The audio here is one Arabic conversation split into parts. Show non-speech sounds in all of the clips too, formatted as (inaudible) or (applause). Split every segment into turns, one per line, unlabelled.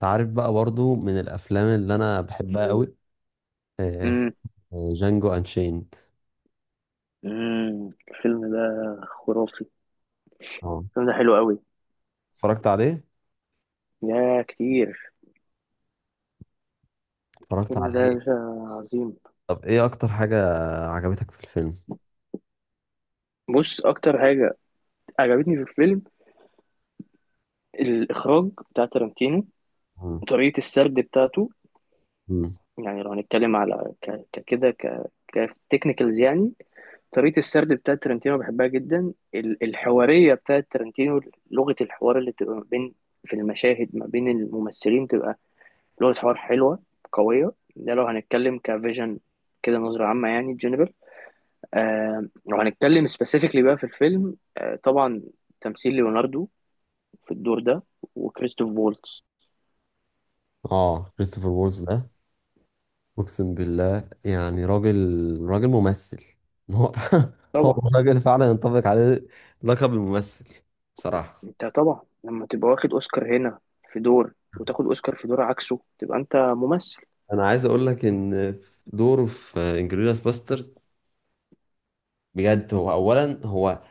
تعرف بقى برضو من الافلام اللي انا بحبها قوي؟ آه،
امم
جانجو انشيند.
الفيلم ده خرافي.
اه.
الفيلم ده حلو قوي،
اتفرجت عليه
يا كتير.
اتفرجت
الفيلم ده
عليه
يا باشا عظيم.
طب ايه اكتر حاجة عجبتك في الفيلم؟
بص اكتر حاجه عجبتني في الفيلم، الاخراج بتاع تارانتينو،
مم.
طريقه السرد بتاعته.
مم.
يعني لو هنتكلم على ك- ك- كده ك كتكنيكالز يعني، طريقه السرد بتاعه تارانتينو بحبها جدا. الحواريه بتاعه تارانتينو، لغه الحوار اللي بتبقى ما بين، في المشاهد ما بين الممثلين، تبقى لغة حوار حلوة قوية. ده لو هنتكلم كفيجن كده، نظرة عامة يعني جنرال. لو هنتكلم سبيسيفيكلي بقى في الفيلم، آه طبعا تمثيل ليوناردو في الدور ده، وكريستوف فولتز.
اه، كريستوفر وولز ده اقسم بالله، يعني راجل، راجل ممثل. هو (laughs) هو
طبعا،
راجل فعلا ينطبق عليه لقب الممثل بصراحة.
انت طبعا لما تبقى واخد اوسكار هنا في دور وتاخد اوسكار في دور عكسه، تبقى انت ممثل.
انا عايز اقول لك ان دوره في انجلوريوس باسترد بجد، هو اولا، هو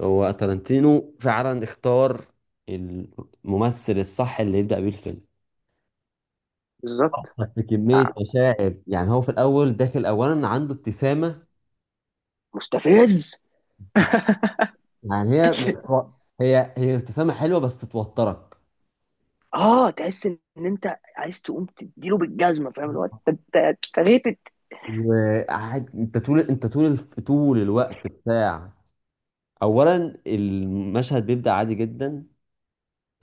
هو تارانتينو فعلا اختار الممثل الصح اللي يبدأ بيه الفيلم.
بالظبط.
حط كمية
آه،
مشاعر، يعني هو في الأول داخل أولا عنده ابتسامة.
مستفز (laughs)
يعني هي ابتسامة حلوة بس توترك.
اه، تحس ان انت عايز تقوم تديله بالجزمه، فاهم الوقت انت أنت- أنت غيتت.
وقاعد انت طول، طول الوقت بتاع. اولا المشهد بيبدأ عادي جدا.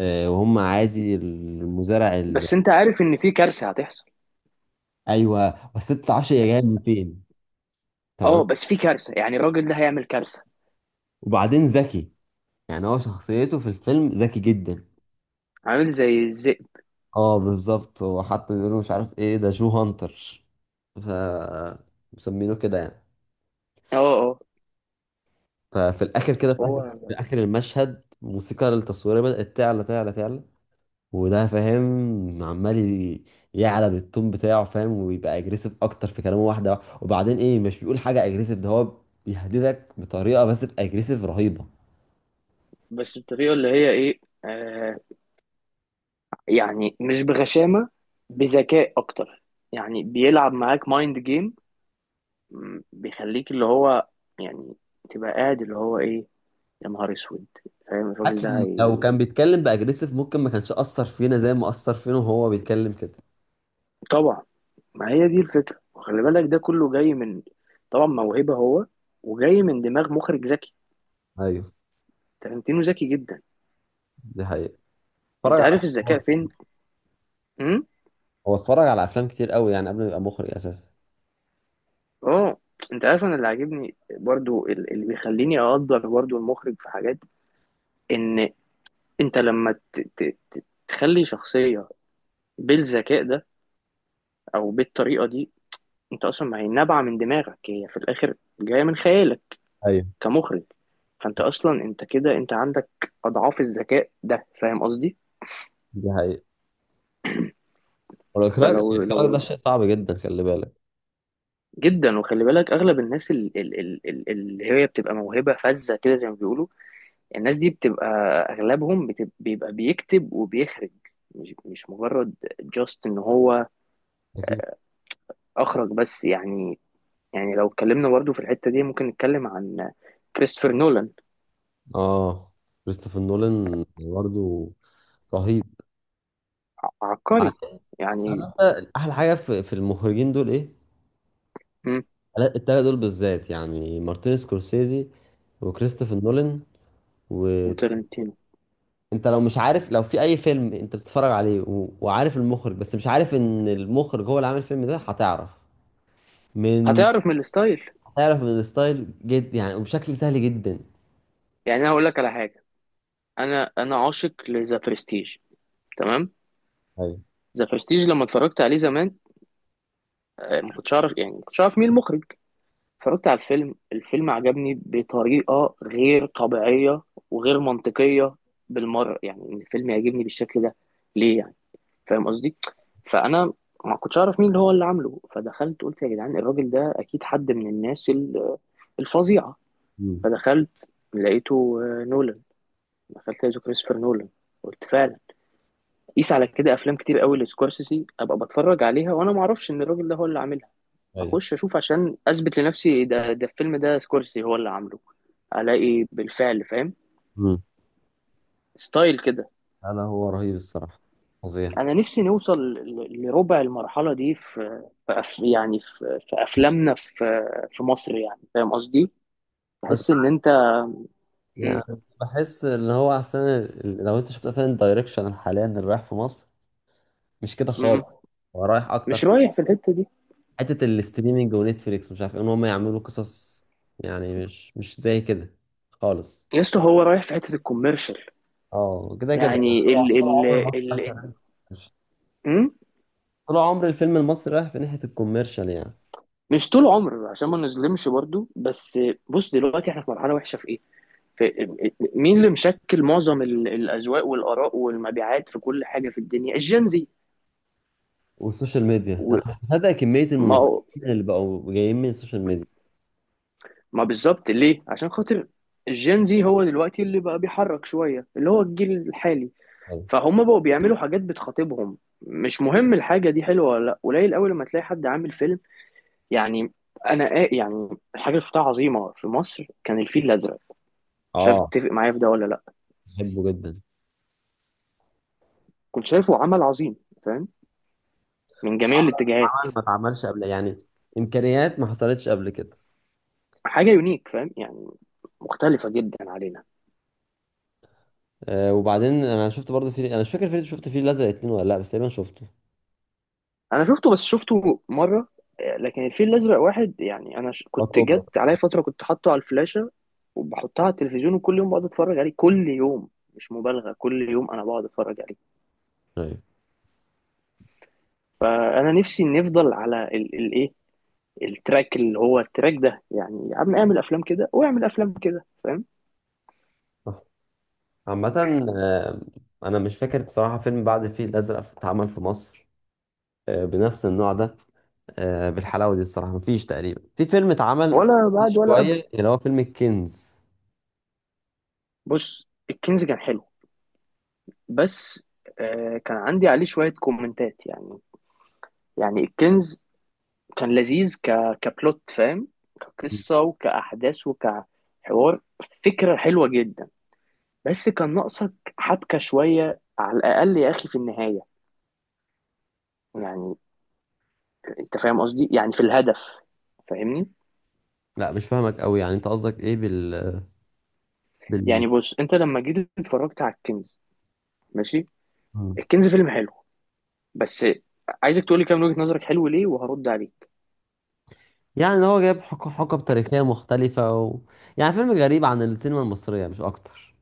آه، وهم عادي المزارع.
بس انت عارف ان في كارثه هتحصل.
ايوه بس انت ما تعرفش هي جايه من فين. تمام.
اه، بس في كارثه، يعني الراجل ده هيعمل كارثه.
وبعدين ذكي، يعني هو شخصيته في الفيلم ذكي جدا.
عامل زي الذئب.
اه بالظبط، هو حتى بيقولوا مش عارف ايه ده، جو هانتر، ف مسمينه كده يعني.
اه اه.
ففي الاخر كده، في
هو
اخر في اخر المشهد الموسيقى التصويريه بدات تعلى تعلى تعلى. وده فاهم، عمال يعلى بالتون بتاعه، فاهم، ويبقى اجريسيف اكتر في كلامه واحده. وبعدين ايه، مش بيقول حاجه اجريسيف، ده هو بيهددك بطريقه بس باجريسيف رهيبه.
بس الطريقه اللي هي ايه، آه، يعني مش بغشامه، بذكاء اكتر، يعني بيلعب معاك مايند جيم. بيخليك اللي هو يعني تبقى قاعد اللي هو ايه، يا نهار اسود، فاهم الراجل ده
لو
هي...
كان بيتكلم باجريسيف ممكن ما كانش اثر فينا زي ما اثر فينا وهو بيتكلم كده.
طبعا. ما هي دي الفكره، وخلي بالك ده كله جاي من، طبعا موهبه هو، وجاي من دماغ مخرج ذكي.
ايوه،
تارنتينو ذكي جدا.
دي حقيقة. اتفرج
انت
على
عارف الذكاء
هو
فين؟
هو اتفرج على افلام كتير قوي يعني قبل ما يبقى مخرج اساسا.
اه. انت عارف انا اللي عاجبني برضو اللي بيخليني اقدر برضو المخرج في حاجات، ان انت لما تخلي شخصية بالذكاء ده او بالطريقة دي، انت اصلا ما هي نابعة من دماغك، هي في الاخر جاية من خيالك
ايوه،
كمخرج. فانت اصلا انت كده انت عندك اضعاف الذكاء ده، فاهم قصدي.
دي حقيقة. والاخراج
فلو
الاخراج ده شيء صعب جدا، خلي بالك.
جدا. وخلي بالك اغلب الناس اللي هي بتبقى موهبة فذة كده زي ما بيقولوا، الناس دي بتبقى اغلبهم بتبقى بيكتب وبيخرج، مش مجرد جاست ان هو
أكيد.
اخرج بس، يعني. يعني لو اتكلمنا برضه في الحتة دي، ممكن نتكلم عن كريستوفر نولان.
اه، كريستوفر نولان برضه رهيب. عارف
عبقري يعني.
احلى حاجه في المخرجين دول ايه؟
مم،
التلاته دول بالذات، يعني مارتن سكورسيزي وكريستوفر نولان وانت.
وترنتينو.
لو مش عارف، لو في اي فيلم انت بتتفرج عليه وعارف المخرج، بس مش عارف ان المخرج هو اللي عامل الفيلم ده، هتعرف من...
هتعرف من الستايل.
تعرف من الستايل، جد يعني، وبشكل سهل جدا.
يعني انا هقول لك على حاجة، انا عاشق لذا برستيج، تمام؟
ايوه.
ذا برستيج لما اتفرجت عليه زمان، آه، ما كنتش اعرف، يعني ما كنتش اعرف مين المخرج. اتفرجت على الفيلم، الفيلم عجبني بطريقة غير طبيعية وغير منطقية بالمرة، يعني ان الفيلم يعجبني بالشكل ده ليه يعني؟ فاهم قصدي. فانا ما كنتش اعرف مين اللي هو اللي عامله، فدخلت قلت يا جدعان الراجل ده اكيد حد من الناس الفظيعة.
امم.
فدخلت لقيته آه، نولان. دخلت لقيته كريستوفر نولان، قلت فعلا. قيس على كده افلام كتير قوي لسكورسيسي ابقى بتفرج عليها وانا ما اعرفش ان الراجل ده هو اللي عاملها.
ايوه.
اخش اشوف عشان اثبت لنفسي ده، الفيلم ده سكورسيسي هو اللي عامله. الاقي بالفعل، فاهم،
امم.
ستايل كده.
انا هو رهيب الصراحه، فظيع.
انا نفسي نوصل لربع المرحله دي في، في يعني في في افلامنا، في في مصر يعني، فاهم قصدي.
بس
تحس ان
(laughs)
انت، مم.
يعني بحس ان هو احسن. لو انت شفت اصلا الدايركشن حاليا اللي رايح في مصر، مش كده
مم.
خالص. هو رايح اكتر
مش
في
رايح في الحته دي.
حته الاستريمنج ونتفليكس ومش عارف ايه، ان هم يعملوا قصص، يعني مش زي كده خالص.
يا اسطى هو رايح في حته الكوميرشال.
اه، كده كده يعني
يعني
طول، طول عمر مصر
ال,
رايحة في-
ال...
طول عمر الفيلم المصري رايح في ناحيه الكوميرشال يعني.
مش طول عمر عشان ما نظلمش برضو، بس بص دلوقتي احنا في مرحله وحشه في ايه، في مين اللي مشكل معظم الاذواق والاراء والمبيعات في كل حاجه في الدنيا، الجنزي.
والسوشيال ميديا،
وما
انا متابع كميه الممثلين
هو-
اللي بقوا جايين من السوشيال ميديا.
ما بالظبط، ليه عشان خاطر الجنزي هو دلوقتي اللي بقى بيحرك شويه اللي هو الجيل الحالي.
أوي.
فهم بقوا بيعملوا حاجات بتخاطبهم، مش مهم الحاجه دي حلوه ولا لا. قليل قوي لما تلاقي حد عامل فيلم يعني. يعني الحاجه اللي شفتها عظيمه في مصر كان الفيل الازرق، مش عارف
اه،
تتفق معايا في ده ولا لا.
بحبه جدا.
كنت شايفه عمل عظيم، فاهم، من جميع
عمل
الاتجاهات.
عمل ما اتعملش قبل يعني، امكانيات ما حصلتش قبل كده.
حاجه يونيك فاهم يعني، مختلفه جدا علينا.
آه، وبعدين انا شفت برضه فيلم، انا مش فاكر فيلم شفت فيه الازرق اتنين ولا لا، بس تقريبا شفته.
انا شفته بس شفته مره، آه، لكن الفيل الازرق واحد يعني.
وات
كنت
اوبر.
جت عليا فتره كنت حاطه على الفلاشه وبحطها على التلفزيون، وكل يوم بقعد اتفرج عليه، كل يوم. مش مبالغه، كل يوم انا بقعد اتفرج عليه.
ايوه.
فانا نفسي نفضل على الايه، التراك، اللي هو التراك ده، يعني يا عم اعمل افلام كده واعمل افلام كده، فاهم.
صح. عامة آه، أنا مش فاكر بصراحة فيلم بعد الفيل الأزرق اتعمل في مصر، آه، بنفس النوع ده، آه، بالحلاوة دي الصراحة. مفيش تقريبا في فيلم اتعمل.
ولا بعد ولا قبل.
شوية اللي هو فيلم الكنز.
بص الكنز كان حلو، بس آه، كان عندي عليه شوية كومنتات يعني. يعني الكنز كان لذيذ كبلوت فاهم، كقصة وكأحداث وكحوار، فكرة حلوة جدا. بس كان ناقصك حبكة شوية على الأقل يا أخي في النهاية، يعني. أنت فاهم قصدي، يعني في الهدف، فاهمني؟
لا مش فاهمك قوي، يعني انت قصدك ايه بال.
يعني بص أنت لما جيت اتفرجت على الكنز، ماشي.
مم.
الكنز فيلم حلو، بس عايزك تقولي كام وجهة نظرك، حلو ليه، وهرد عليك.
يعني ان هو جايب حقب تاريخية مختلفة و... يعني فيلم غريب عن السينما المصرية مش اكتر.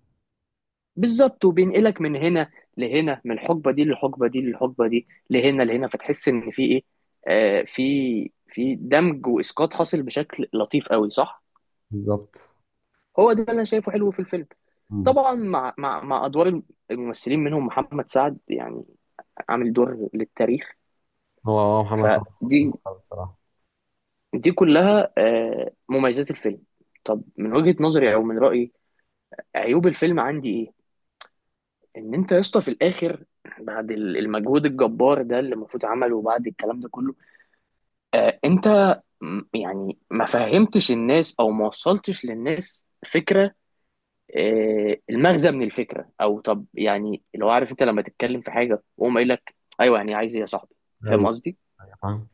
بالظبط. وبينقلك من هنا لهنا، من الحقبه دي للحقبه دي للحقبه دي لهنا لهنا، فتحس ان في ايه، آه، في في دمج واسقاط حاصل بشكل لطيف قوي، صح.
بالظبط.
هو ده اللي انا شايفه حلو في الفيلم.
مم.
طبعا مع ادوار الممثلين، منهم محمد سعد يعني، عامل دور للتاريخ.
هو محمد صلاح
فدي،
الصراحة.
دي كلها آه مميزات الفيلم. طب من وجهة نظري او من رأيي، عيوب الفيلم عندي ايه، ان انت يا اسطى في الاخر، بعد المجهود الجبار ده اللي المفروض عمله، وبعد الكلام ده كله، انت، يعني ما فهمتش الناس، او ما وصلتش للناس فكره، آه، المغزى من الفكره. او طب يعني لو عارف انت لما تتكلم في حاجه وهم قايل لك، ايوه يعني عايز ايه يا صاحبي، فاهم
ايوه.
قصدي.
ايوه، فاهم.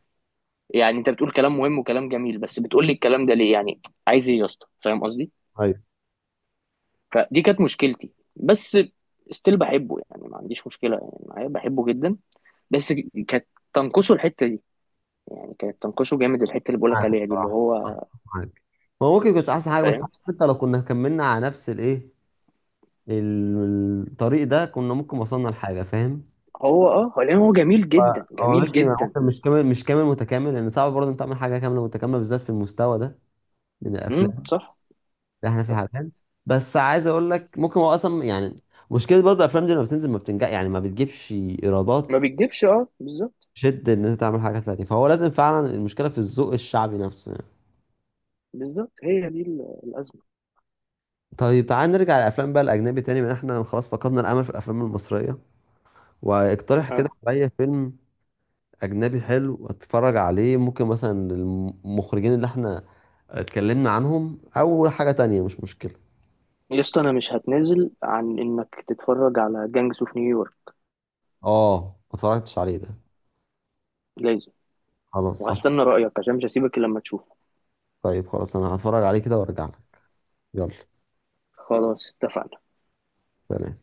يعني انت بتقول كلام مهم وكلام جميل، بس بتقول لي الكلام ده ليه يعني، عايز ايه يا اسطى، فاهم قصدي.
ايوه.
فدي كانت مشكلتي بس، ستيل بحبه يعني، ما عنديش مشكله يعني معايا، بحبه جدا. بس كانت تنقصه الحته دي، يعني كانت تنقصه جامد الحته اللي بقولك
معاك
عليها دي اللي
الصراحة،
هو،
معاك. هو ممكن يكونش احسن حاجة، بس
فاهم.
حتى لو كنا كملنا على نفس الطريق ده كنا ممكن وصلنا لحاجة، فاهم.
هو اه، هو لان هو جميل
ف-
جدا،
هو
جميل
ماشي.
جدا.
ممكن مش كامل متكامل، لان صعب برضه انت تعمل حاجة كاملة متكاملة بالذات في المستوى ده من
امم،
الافلام.
صح.
احنا في
صح.
حالتين. بس عايز اقول لك ممكن هو اصلا يعني مشكله، برضه الافلام دي لما بتنزل ما بتنجح، يعني ما بتجيبش
ما
ايرادات.
بيكدبش، اه بالظبط.
شد ان انت تعمل حاجه تانية، فهو لازم فعلا المشكله في الذوق الشعبي نفسه يعني.
بالظبط، هي دي الازمه.
طيب تعال نرجع للافلام بقى الاجنبي تاني، من احنا خلاص فقدنا الامل في الافلام المصريه. واقترح كده
اه.
عليا فيلم اجنبي حلو اتفرج عليه، ممكن مثلا المخرجين اللي احنا اتكلمنا عنهم، او حاجه تانية مش مشكله.
يا اسطى انا مش هتنازل عن انك تتفرج على جانجس اوف نيويورك،
اه. ما اتفرجتش عليه ده.
لازم.
خلاص هشوف.
وهستنى رايك عشان مش هسيبك إلا لما تشوفه.
طيب خلاص، انا هتفرج عليه كده وارجع لك. يلا.
خلاص اتفقنا.
سلام.